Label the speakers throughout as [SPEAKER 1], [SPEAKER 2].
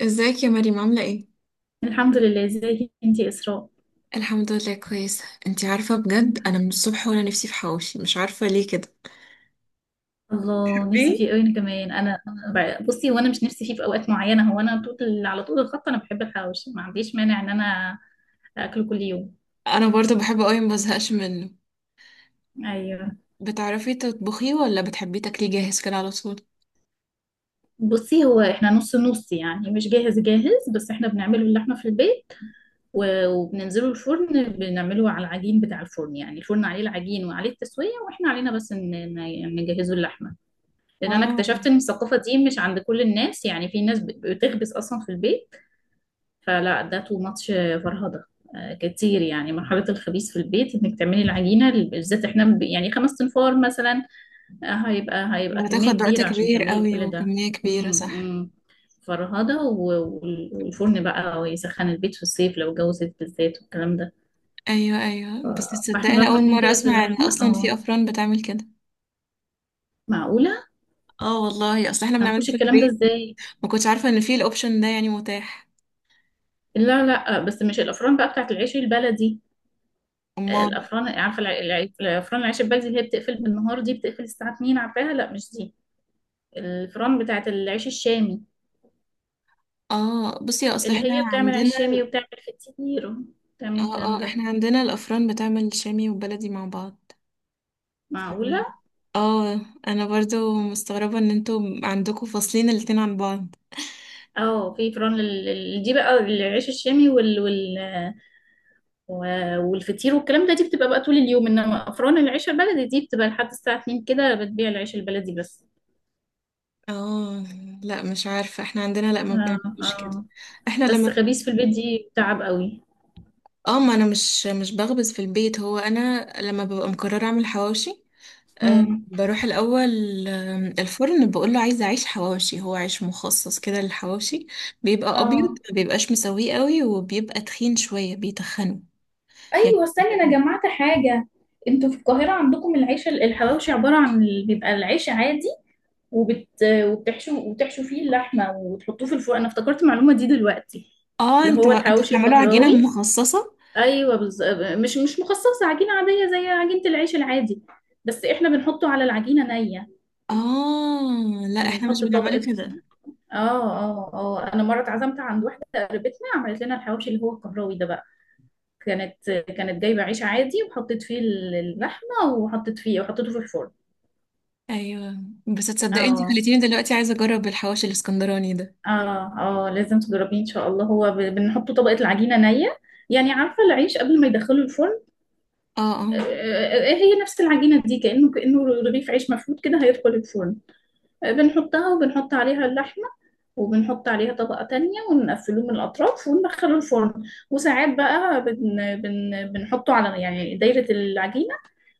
[SPEAKER 1] ازيك يا مريم عاملة ايه؟
[SPEAKER 2] الحمد لله. ازيك انتي يا اسراء؟
[SPEAKER 1] الحمد لله كويسة. انتي عارفة بجد انا من الصبح وانا نفسي في حواوشي، مش عارفة ليه كده.
[SPEAKER 2] الله، نفسي
[SPEAKER 1] بتحبيه؟
[SPEAKER 2] فيه قوي انا كمان. انا بصي، هو انا مش نفسي فيه في اوقات معينه. هو انا على طول الخط انا بحب الحواوشي، ما عنديش مانع ان انا اكله كل يوم.
[SPEAKER 1] انا برضه بحبه قوي، ما بزهقش منه.
[SPEAKER 2] ايوه،
[SPEAKER 1] بتعرفي تطبخيه ولا بتحبيه تاكليه جاهز كده على طول؟
[SPEAKER 2] بصي، هو احنا نص نص، يعني مش جاهز جاهز، بس احنا بنعمله اللحمه في البيت. و- وبننزله الفرن، بنعمله على العجين بتاع الفرن، يعني الفرن عليه العجين وعليه التسويه، واحنا علينا بس ان نجهزه اللحمه. لان انا
[SPEAKER 1] اه.
[SPEAKER 2] اكتشفت ان الثقافه دي مش عند كل الناس، يعني في ناس بتخبز اصلا في البيت. فلا، ده تو ماتش. فرهضة. كتير، يعني مرحلة الخبيث في البيت، انك تعملي العجينة بالذات، احنا يعني خمس تنفار مثلا. هيبقى
[SPEAKER 1] يعني
[SPEAKER 2] كمية
[SPEAKER 1] هتاخد وقت
[SPEAKER 2] كبيرة عشان
[SPEAKER 1] كبير
[SPEAKER 2] تعملي
[SPEAKER 1] قوي
[SPEAKER 2] كل ده.
[SPEAKER 1] وكمية كبيرة،
[SPEAKER 2] امم
[SPEAKER 1] صح؟
[SPEAKER 2] امم فرهضة. و- وال- والفرن بقى ويسخن البيت في الصيف، لو الجو صيف بالذات والكلام ده.
[SPEAKER 1] ايوه
[SPEAKER 2] ف-
[SPEAKER 1] ايوه. بس
[SPEAKER 2] فاحنا
[SPEAKER 1] تصدقي
[SPEAKER 2] بقى
[SPEAKER 1] انا اول مرة
[SPEAKER 2] بنجهز
[SPEAKER 1] اسمع ان
[SPEAKER 2] اللحمة.
[SPEAKER 1] اصلا
[SPEAKER 2] اه،
[SPEAKER 1] في افران بتعمل كده.
[SPEAKER 2] معقولة.
[SPEAKER 1] اه والله، اصل احنا بنعمله
[SPEAKER 2] هنخش
[SPEAKER 1] في
[SPEAKER 2] الكلام ده
[SPEAKER 1] البيت.
[SPEAKER 2] ازاي؟
[SPEAKER 1] ما كنتش عارفة ان في الاوبشن ده يعني متاح.
[SPEAKER 2] لا لا، بس مش الافران بقى بتاعت العيش البلدي.
[SPEAKER 1] امال.
[SPEAKER 2] الافران، عارفه الافران العيش البلدي، اللي هي بتقفل بالنهار، دي بتقفل الساعه 2، عارفاها؟ لا، مش دي. الفران بتاعه العيش الشامي،
[SPEAKER 1] اه بصي، اصل
[SPEAKER 2] اللي
[SPEAKER 1] احنا
[SPEAKER 2] هي بتعمل
[SPEAKER 1] عندنا.
[SPEAKER 2] عيش شامي وبتعمل فطير، بتعمل
[SPEAKER 1] اه
[SPEAKER 2] الكلام
[SPEAKER 1] اه،
[SPEAKER 2] ده.
[SPEAKER 1] احنا عندنا الافران بتعمل شامي وبلدي مع بعض. ف-
[SPEAKER 2] معقوله.
[SPEAKER 1] اه. انا برضو مستغربة ان انتوا عندكم فاصلين الاتنين عن بعض.
[SPEAKER 2] اه، في فران دي بقى العيش الشامي، و- والفطير والكلام ده، دي بتبقى بقى طول اليوم، انما افران العيش البلدي دي بتبقى لحد الساعه 2 كده، بتبيع العيش البلدي بس.
[SPEAKER 1] اه. لا مش عارفة، احنا عندنا لا ما
[SPEAKER 2] اه،
[SPEAKER 1] بيعملوش كده.
[SPEAKER 2] اه،
[SPEAKER 1] احنا
[SPEAKER 2] بس
[SPEAKER 1] لما
[SPEAKER 2] خبيث في البيت دي تعب قوي.
[SPEAKER 1] اه، ما انا مش بخبز في البيت. هو انا لما ببقى مقررة اعمل حواوشي أه،
[SPEAKER 2] امم.
[SPEAKER 1] بروح الاول الفرن بقول له عايزة عيش حواوشي. هو عيش مخصص كده للحواوشي، بيبقى ابيض،
[SPEAKER 2] اه،
[SPEAKER 1] ما بيبقاش مسويه قوي، وبيبقى تخين شوية بيتخنه يعني.
[SPEAKER 2] ايوه، استني، انا جمعت حاجه. انتوا في القاهره عندكم العيش الحواوشي عباره عن بيبقى العيش عادي، وبت وبتحشوا فيه اللحمه وتحطوه في الفرن. انا افتكرت المعلومه دي دلوقتي.
[SPEAKER 1] اه،
[SPEAKER 2] اللي هو
[SPEAKER 1] انتوا
[SPEAKER 2] الحواوشي
[SPEAKER 1] بتعملوا عجينة
[SPEAKER 2] القهراوي.
[SPEAKER 1] مخصصة.
[SPEAKER 2] ايوه. مش مخصصه، عجينه عاديه زي عجينه العيش العادي، بس احنا بنحطه على العجينه نيه،
[SPEAKER 1] اه، لا احنا مش
[SPEAKER 2] بنحط
[SPEAKER 1] بنعمله
[SPEAKER 2] طبقه.
[SPEAKER 1] كده.
[SPEAKER 2] اه، اه، اه، انا مره اتعزمت عند واحده قريبتنا، عملت لنا الحواوشي اللي هو القهراوي ده بقى. كانت جايبة عيش عادي وحطيت فيه اللحمة، وحطيت فيه وحطيته في الفرن.
[SPEAKER 1] ايوه، بس تصدقي انت
[SPEAKER 2] اه،
[SPEAKER 1] خليتيني دلوقتي عايزة اجرب الحواوشي الاسكندراني ده.
[SPEAKER 2] اه، اه، لازم تجربيه ان شاء الله. هو بنحط طبقة العجينة نية، يعني عارفة العيش قبل ما يدخله الفرن؟
[SPEAKER 1] اه اه
[SPEAKER 2] هي نفس العجينة دي، كأنه رغيف عيش مفروض كده هيدخل الفرن. بنحطها وبنحط عليها اللحمة، وبنحط عليها طبقة تانية ونقفله من الأطراف وندخله الفرن. وساعات بقى بن بن بنحطه على، يعني، دايرة العجينة،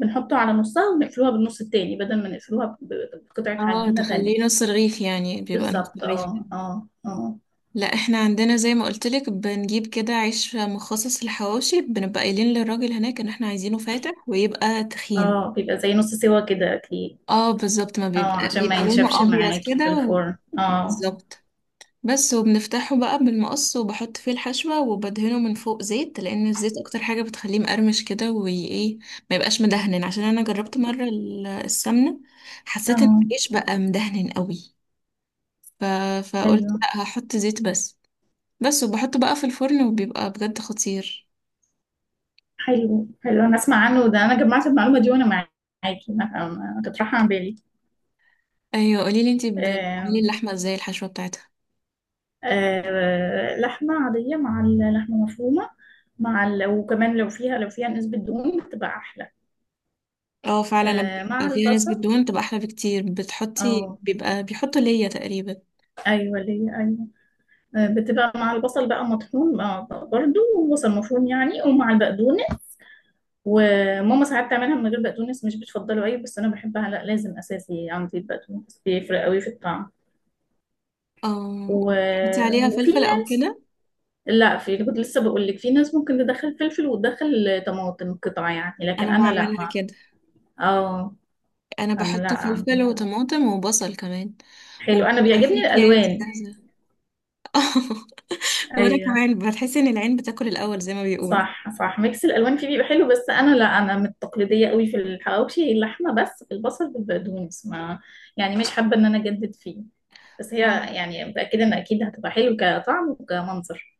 [SPEAKER 2] بنحطه على نصها ونقفلوها بالنص التاني، بدل ما نقفلوها بقطعة
[SPEAKER 1] اه.
[SPEAKER 2] عجينة تانية.
[SPEAKER 1] تخليه نص رغيف، يعني بيبقى نص
[SPEAKER 2] بالظبط،
[SPEAKER 1] رغيف كده.
[SPEAKER 2] اه، اه، اه.
[SPEAKER 1] لا احنا عندنا زي ما قلت لك بنجيب كده عيش مخصص للحواوشي، بنبقى قايلين للراجل هناك ان احنا عايزينه فاتح ويبقى تخين.
[SPEAKER 2] اه، بيبقى زي نص سوا كده اكيد.
[SPEAKER 1] اه بالظبط، ما
[SPEAKER 2] اه،
[SPEAKER 1] بيبقى
[SPEAKER 2] عشان ما ينشفش
[SPEAKER 1] لونه ابيض
[SPEAKER 2] معاكي في
[SPEAKER 1] كده
[SPEAKER 2] الفرن. اه،
[SPEAKER 1] بالظبط. بس وبنفتحه بقى بالمقص وبحط فيه الحشوة وبدهنه من فوق زيت، لأن الزيت أكتر حاجة بتخليه مقرمش كده. وإيه، ما يبقاش مدهن، عشان أنا جربت مرة السمنة، حسيت إن
[SPEAKER 2] اه،
[SPEAKER 1] العيش بقى مدهن قوي. ف... فقلت
[SPEAKER 2] ايوه.
[SPEAKER 1] لأ، هحط زيت بس. بس وبحطه بقى في الفرن وبيبقى بجد خطير.
[SPEAKER 2] حلو حلو، انا اسمع عنه ده، انا جمعت المعلومة دي. وانا معاكي، ما كانت رايحة عن بالي.
[SPEAKER 1] أيوة قوليلي انتي بتعملي
[SPEAKER 2] آم،
[SPEAKER 1] اللحمة ازاي، الحشوة بتاعتها.
[SPEAKER 2] لحمة عادية، مع اللحمة مفرومة، وكمان لو فيها نسبة دهون بتبقى أحلى.
[SPEAKER 1] اه فعلا، لما
[SPEAKER 2] مع
[SPEAKER 1] بيبقى فيها نسبة
[SPEAKER 2] البصل.
[SPEAKER 1] دهون بتبقى أحلى بكتير. بتحطي،
[SPEAKER 2] اه،
[SPEAKER 1] بيبقى بيحطوا ليا تقريبا،
[SPEAKER 2] ايوه، ليه، ايوه، بتبقى مع البصل بقى مطحون بقى، برضو وبصل مفروم يعني، ومع البقدونس. وماما ساعات تعملها من غير بقدونس، مش بتفضله أوي، بس أنا بحبها، لا، لازم أساسي عندي، البقدونس بيفرق أوي في الطعم.
[SPEAKER 1] اه.
[SPEAKER 2] و...
[SPEAKER 1] بتحطي عليها
[SPEAKER 2] وفي
[SPEAKER 1] فلفل أو
[SPEAKER 2] ناس
[SPEAKER 1] كده؟
[SPEAKER 2] لا في كنت لسه بقول لك، في ناس ممكن تدخل فلفل وتدخل طماطم قطع يعني، لكن
[SPEAKER 1] انا
[SPEAKER 2] أنا لا،
[SPEAKER 1] بعملها
[SPEAKER 2] مع،
[SPEAKER 1] كده.
[SPEAKER 2] اه،
[SPEAKER 1] انا
[SPEAKER 2] أنا لا
[SPEAKER 1] بحط فلفل
[SPEAKER 2] عندنا.
[SPEAKER 1] وطماطم وبصل كمان.
[SPEAKER 2] حلو، أنا
[SPEAKER 1] وبيبقى
[SPEAKER 2] بيعجبني
[SPEAKER 1] فيه كيس
[SPEAKER 2] الألوان.
[SPEAKER 1] جاهزه. وانا
[SPEAKER 2] أيوه،
[SPEAKER 1] كمان بتحس ان العين بتاكل الاول زي ما بيقولوا.
[SPEAKER 2] صح صح، ميكس الالوان فيه بيبقى حلو، بس انا لا، انا من التقليديه قوي في الحواوشي، اللحمه بس البصل بالبقدونس، ما، يعني مش حابه ان انا اجدد فيه. بس
[SPEAKER 1] اه،
[SPEAKER 2] هي، يعني متاكده ان اكيد هتبقى حلو كطعم وكمنظر.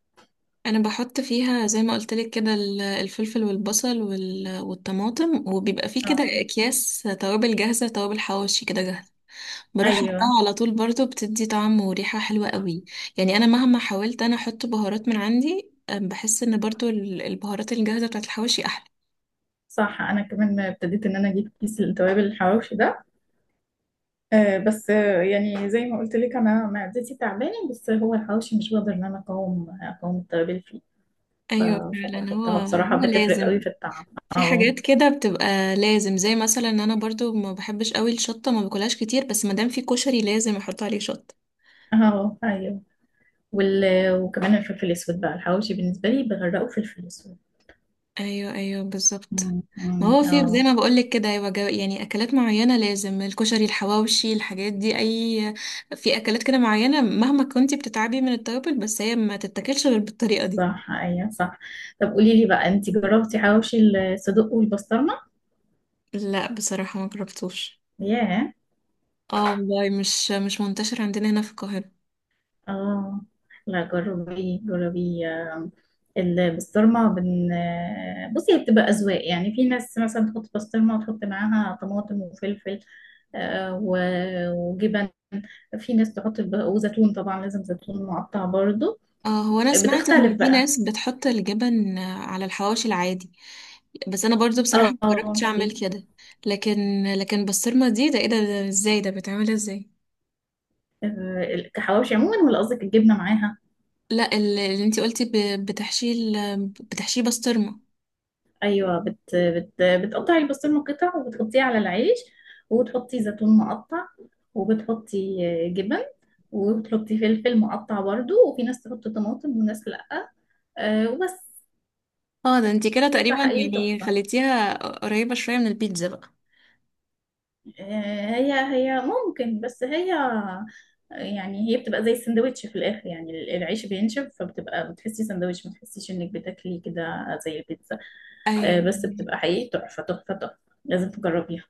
[SPEAKER 1] انا بحط فيها زي ما قلت لك كده الفلفل والبصل والطماطم. وبيبقى فيه كده
[SPEAKER 2] اه،
[SPEAKER 1] اكياس توابل جاهزه، توابل حواوشي كده جاهزه، بروح
[SPEAKER 2] ايوه،
[SPEAKER 1] احطها على طول. برضو بتدي طعم وريحه حلوه قوي. يعني انا مهما حاولت انا احط بهارات من عندي بحس ان برضو البهارات الجاهزه بتاعت الحواوشي احلى.
[SPEAKER 2] صح، انا كمان ابتديت ان انا اجيب كيس التوابل الحواوشي ده. بس يعني زي ما قلت لك، انا معدتي تعبانه، بس هو الحواوشي مش بقدر ان انا اقاوم التوابل فيه. ف-
[SPEAKER 1] ايوه فعلا. هو
[SPEAKER 2] فبحطها بصراحه،
[SPEAKER 1] هو
[SPEAKER 2] بتفرق قوي
[SPEAKER 1] لازم.
[SPEAKER 2] في الطعم.
[SPEAKER 1] في
[SPEAKER 2] اه،
[SPEAKER 1] حاجات كده بتبقى لازم، زي مثلا ان انا برضو ما بحبش قوي الشطه، ما باكلهاش كتير، بس ما دام في كشري لازم احط عليه شطه.
[SPEAKER 2] اه، ايوه. وال... وكمان الفلفل الأسود بقى، الحواوشي بالنسبة لي بغرقه فلفل أسود.
[SPEAKER 1] ايوه ايوه بالظبط.
[SPEAKER 2] مم.
[SPEAKER 1] ما
[SPEAKER 2] مم.
[SPEAKER 1] هو في زي
[SPEAKER 2] اه.
[SPEAKER 1] ما بقولك كده، يبقى يعني اكلات معينه لازم، الكشري، الحواوشي، الحاجات دي اي. في اكلات كده معينه، مهما كنتي بتتعبي من التوابل، بس هي ما تتاكلش غير بالطريقه دي.
[SPEAKER 2] صح، ايوه، صح. طب قولي لي بقى، انت جربتي حواوشي الصدق والبسطرمه؟
[SPEAKER 1] لا بصراحه ما جربتوش.
[SPEAKER 2] ياه.
[SPEAKER 1] اه والله، مش منتشر عندنا هنا في القاهره.
[SPEAKER 2] اه، لا، جربي جربي. آه، البسطرمه بن آه، بصي، هي بتبقى اذواق، يعني في ناس مثلا تحط بسطرمه وتحط معاها طماطم وفلفل، آه، و- وجبن. في ناس تحط وزيتون، طبعا لازم زيتون مقطع برضو.
[SPEAKER 1] اه، هو انا سمعت
[SPEAKER 2] بتختلف
[SPEAKER 1] ان في
[SPEAKER 2] بقى.
[SPEAKER 1] ناس بتحط الجبن على الحواوشي العادي، بس انا برضو
[SPEAKER 2] اه،
[SPEAKER 1] بصراحة ما جربتش
[SPEAKER 2] اه، في.
[SPEAKER 1] اعمل كده. لكن بسطرمة دي، ده ايه ده, ده ازاي، ده بتعملها ازاي؟
[SPEAKER 2] كحواوشي عموما ولا قصدك الجبنه معاها؟
[SPEAKER 1] لا اللي انتي قلتي بتحشيه بسطرمة.
[SPEAKER 2] ايوه، بت بت بتقطعي البسطرمه قطع وبتحطيه على العيش، وبتحطي زيتون مقطع، وبتحطي جبن، وبتحطي فلفل مقطع برضو، وفي ناس تحط طماطم وناس لأ. وبس.
[SPEAKER 1] اه، ده انتي كده
[SPEAKER 2] تطلع
[SPEAKER 1] تقريبا
[SPEAKER 2] حقيقي
[SPEAKER 1] يعني
[SPEAKER 2] تحفة.
[SPEAKER 1] خليتيها قريبة شوية من البيتزا بقى.
[SPEAKER 2] هي ممكن، بس هي، يعني هي بتبقى زي السندوتش في الآخر، يعني العيش بينشف، فبتبقى بتحسي سندوتش، ما تحسيش انك بتاكلي كده زي البيتزا.
[SPEAKER 1] ايوه
[SPEAKER 2] بس بتبقى حقيقي تحفة تحفة تحفة، لازم تجربيها.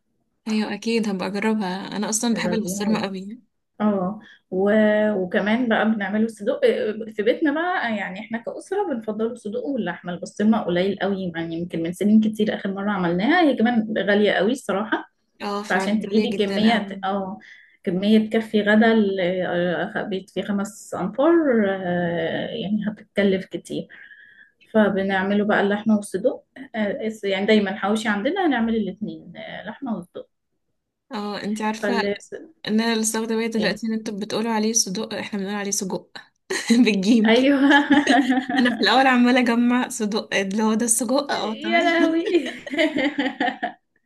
[SPEAKER 1] ايوه، اكيد هبقى اجربها، انا اصلا بحب
[SPEAKER 2] جربيها.
[SPEAKER 1] البسطرمة قوي.
[SPEAKER 2] اه، و- وكمان بقى بنعمله صدوق في بيتنا بقى، يعني احنا كأسرة بنفضلوا الصدوق، واللحمة البسطرمة قليل قوي، يعني يمكن من سنين كتير آخر مرة عملناها، هي كمان غالية قوي الصراحة.
[SPEAKER 1] اه فعلا،
[SPEAKER 2] فعشان
[SPEAKER 1] غالية
[SPEAKER 2] تجيبي
[SPEAKER 1] جدا
[SPEAKER 2] كمية،
[SPEAKER 1] قوي.
[SPEAKER 2] اه، كمية تكفي غدا بيت فيه خمس أنفار، يعني هتتكلف كتير. فبنعمله بقى اللحمة والصدوق، يعني دايما حواوشي عندنا هنعمل الاتنين، لحمة وصدوق.
[SPEAKER 1] اه انتي عارفة
[SPEAKER 2] فلاس.
[SPEAKER 1] ان انا لسه واخدة بالي
[SPEAKER 2] ايه؟
[SPEAKER 1] دلوقتي ان انتوا بتقولوا عليه صدق، احنا بنقول عليه سجق. بالجيم.
[SPEAKER 2] ايوه.
[SPEAKER 1] انا في الاول عماله اجمع صدق اللي هو ده السجق، اه تمام.
[SPEAKER 2] يا لهوي.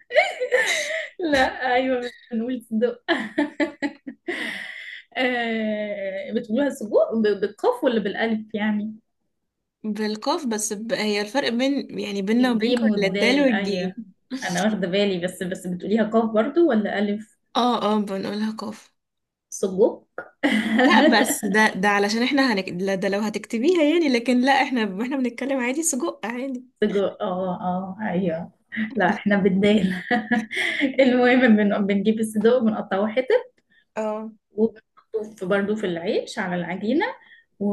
[SPEAKER 2] لا، ايوه، بنقول صدق. بتقولوها سجق بالقاف ولا بالالف يعني؟
[SPEAKER 1] بالقاف، هي الفرق بين يعني بيننا وبينكم
[SPEAKER 2] الجيم
[SPEAKER 1] اللي الدال
[SPEAKER 2] والدال، ايوه،
[SPEAKER 1] والجيم.
[SPEAKER 2] انا واخده بالي، بس بتقوليها قاف برضو ولا الف؟
[SPEAKER 1] اه اه، بنقولها قاف.
[SPEAKER 2] سجق.
[SPEAKER 1] لا بس ده، علشان احنا لا ده لو هتكتبيها يعني، لكن لا، احنا بنتكلم عادي، سجق عادي.
[SPEAKER 2] سجق، اه، اه، ايوه. لا، احنا بالدال. المهم، بنجيب الصدق وبنقطعه حتت،
[SPEAKER 1] اه
[SPEAKER 2] وبحطه في برضه في العيش على العجينة. و...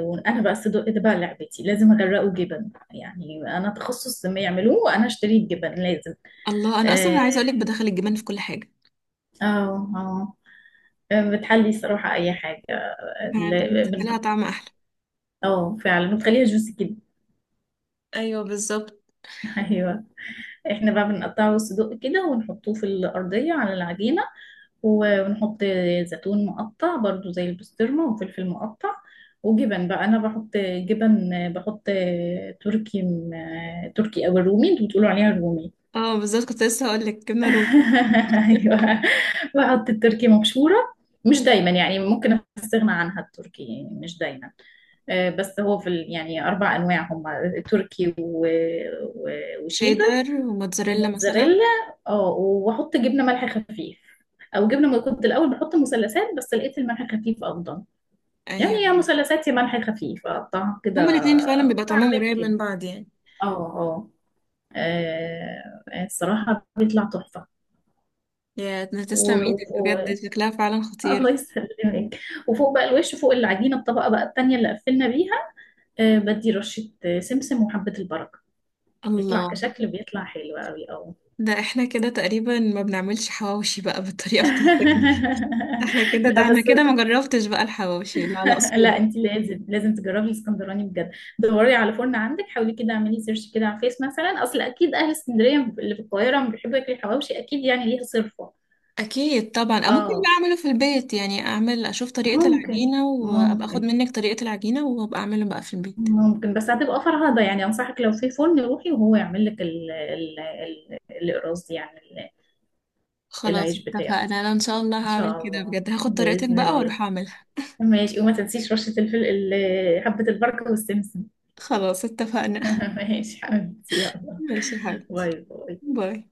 [SPEAKER 2] وأنا بقى الصدق ده بقى لعبتي، لازم أغرقه جبن، يعني أنا تخصص ما يعملوه وأنا أشتري الجبن لازم.
[SPEAKER 1] الله، انا اصلا
[SPEAKER 2] آه،
[SPEAKER 1] عايزه اقولك بدخل الجبن في كل حاجه،
[SPEAKER 2] اه. بتحلي صراحة أي حاجة.
[SPEAKER 1] فعلا
[SPEAKER 2] ل-
[SPEAKER 1] بتديلها
[SPEAKER 2] بن-
[SPEAKER 1] طعم احلى.
[SPEAKER 2] اه، فعلا بتخليها جوسي كده.
[SPEAKER 1] ايوه بالظبط.
[SPEAKER 2] أيوه. احنا بقى بنقطعه صدق كده ونحطوه في الأرضية على العجينة، و- ونحط زيتون مقطع برضو زي البسطرمة، وفلفل مقطع، وجبن بقى، أنا بحط جبن. بحط تركي، تركي أو الرومي، انتوا بتقولوا عليها الرومي.
[SPEAKER 1] اه بالظبط، كنت لسه هقولك جبنه رومي.
[SPEAKER 2] أيوة. بحط التركي مبشورة، مش دايما يعني، ممكن استغنى عنها التركي يعني، مش دايما. بس هو في يعني أربع أنواع هم، تركي، و- و- وشيدر،
[SPEAKER 1] شيدر وموتزاريلا مثلا.
[SPEAKER 2] وموتزاريلا. اه، واحط جبنه ملح خفيف، او جبنه، ما كنت الاول بحط مثلثات بس لقيت الملح خفيف افضل. يعني
[SPEAKER 1] ايوه،
[SPEAKER 2] يا مثلثات يا ملح خفيف، اقطعها كده.
[SPEAKER 1] هما الاتنين فعلا بيبقى طعمهم
[SPEAKER 2] فعملت
[SPEAKER 1] قريب
[SPEAKER 2] كده.
[SPEAKER 1] من بعض يعني.
[SPEAKER 2] اه، اه. الصراحه بيطلع تحفه.
[SPEAKER 1] يا
[SPEAKER 2] و...
[SPEAKER 1] تسلم
[SPEAKER 2] و...
[SPEAKER 1] ايدك
[SPEAKER 2] و...
[SPEAKER 1] بجد، شكلها فعلا
[SPEAKER 2] الله
[SPEAKER 1] خطير.
[SPEAKER 2] يسلمك. وفوق بقى، الوش فوق العجينه، الطبقه بقى التانيه اللي قفلنا بيها، بدي رشه سمسم وحبه البركه. بيطلع
[SPEAKER 1] الله،
[SPEAKER 2] كشكل، بيطلع حلو قوي. اه.
[SPEAKER 1] ده احنا كده تقريبا ما بنعملش حواوشي بقى بالطريقة بتاعتك دي. احنا كده، ده
[SPEAKER 2] لا
[SPEAKER 1] انا
[SPEAKER 2] بس.
[SPEAKER 1] كده ما جربتش بقى الحواوشي لا لا
[SPEAKER 2] لا
[SPEAKER 1] اصوله.
[SPEAKER 2] انت لازم لازم تجربي الاسكندراني بجد. دوري على فرن عندك، حاولي كده، اعملي سيرش كده على فيس مثلا، اصل اكيد اهل اسكندريه اللي في القاهره لما بيحبوا ياكلوا الحواوشي اكيد، يعني ليها صرفه.
[SPEAKER 1] اكيد طبعا، او ممكن بقى
[SPEAKER 2] اه،
[SPEAKER 1] اعمله في البيت. يعني اعمل، اشوف طريقة
[SPEAKER 2] ممكن
[SPEAKER 1] العجينة، وابقى اخد
[SPEAKER 2] ممكن
[SPEAKER 1] منك طريقة العجينة وابقى اعمله بقى في البيت.
[SPEAKER 2] ممكن. بس هتبقى فرهضه يعني، انصحك لو في فرن روحي وهو يعمل لك ال ال ال القراص دي، يعني
[SPEAKER 1] خلاص
[SPEAKER 2] العيش
[SPEAKER 1] اتفقنا،
[SPEAKER 2] بتاعه.
[SPEAKER 1] انا ان شاء الله
[SPEAKER 2] ان
[SPEAKER 1] هعمل
[SPEAKER 2] شاء
[SPEAKER 1] كده
[SPEAKER 2] الله.
[SPEAKER 1] بجد، هاخد طريقتك
[SPEAKER 2] باذن
[SPEAKER 1] بقى
[SPEAKER 2] الله.
[SPEAKER 1] واروح اعملها.
[SPEAKER 2] ماشي، وما تنسيش رشه الفل، حبه البركه والسمسم.
[SPEAKER 1] خلاص اتفقنا.
[SPEAKER 2] ماشي حبيبتي، يلا.
[SPEAKER 1] ماشي يا حبيبتي،
[SPEAKER 2] باي باي.
[SPEAKER 1] باي.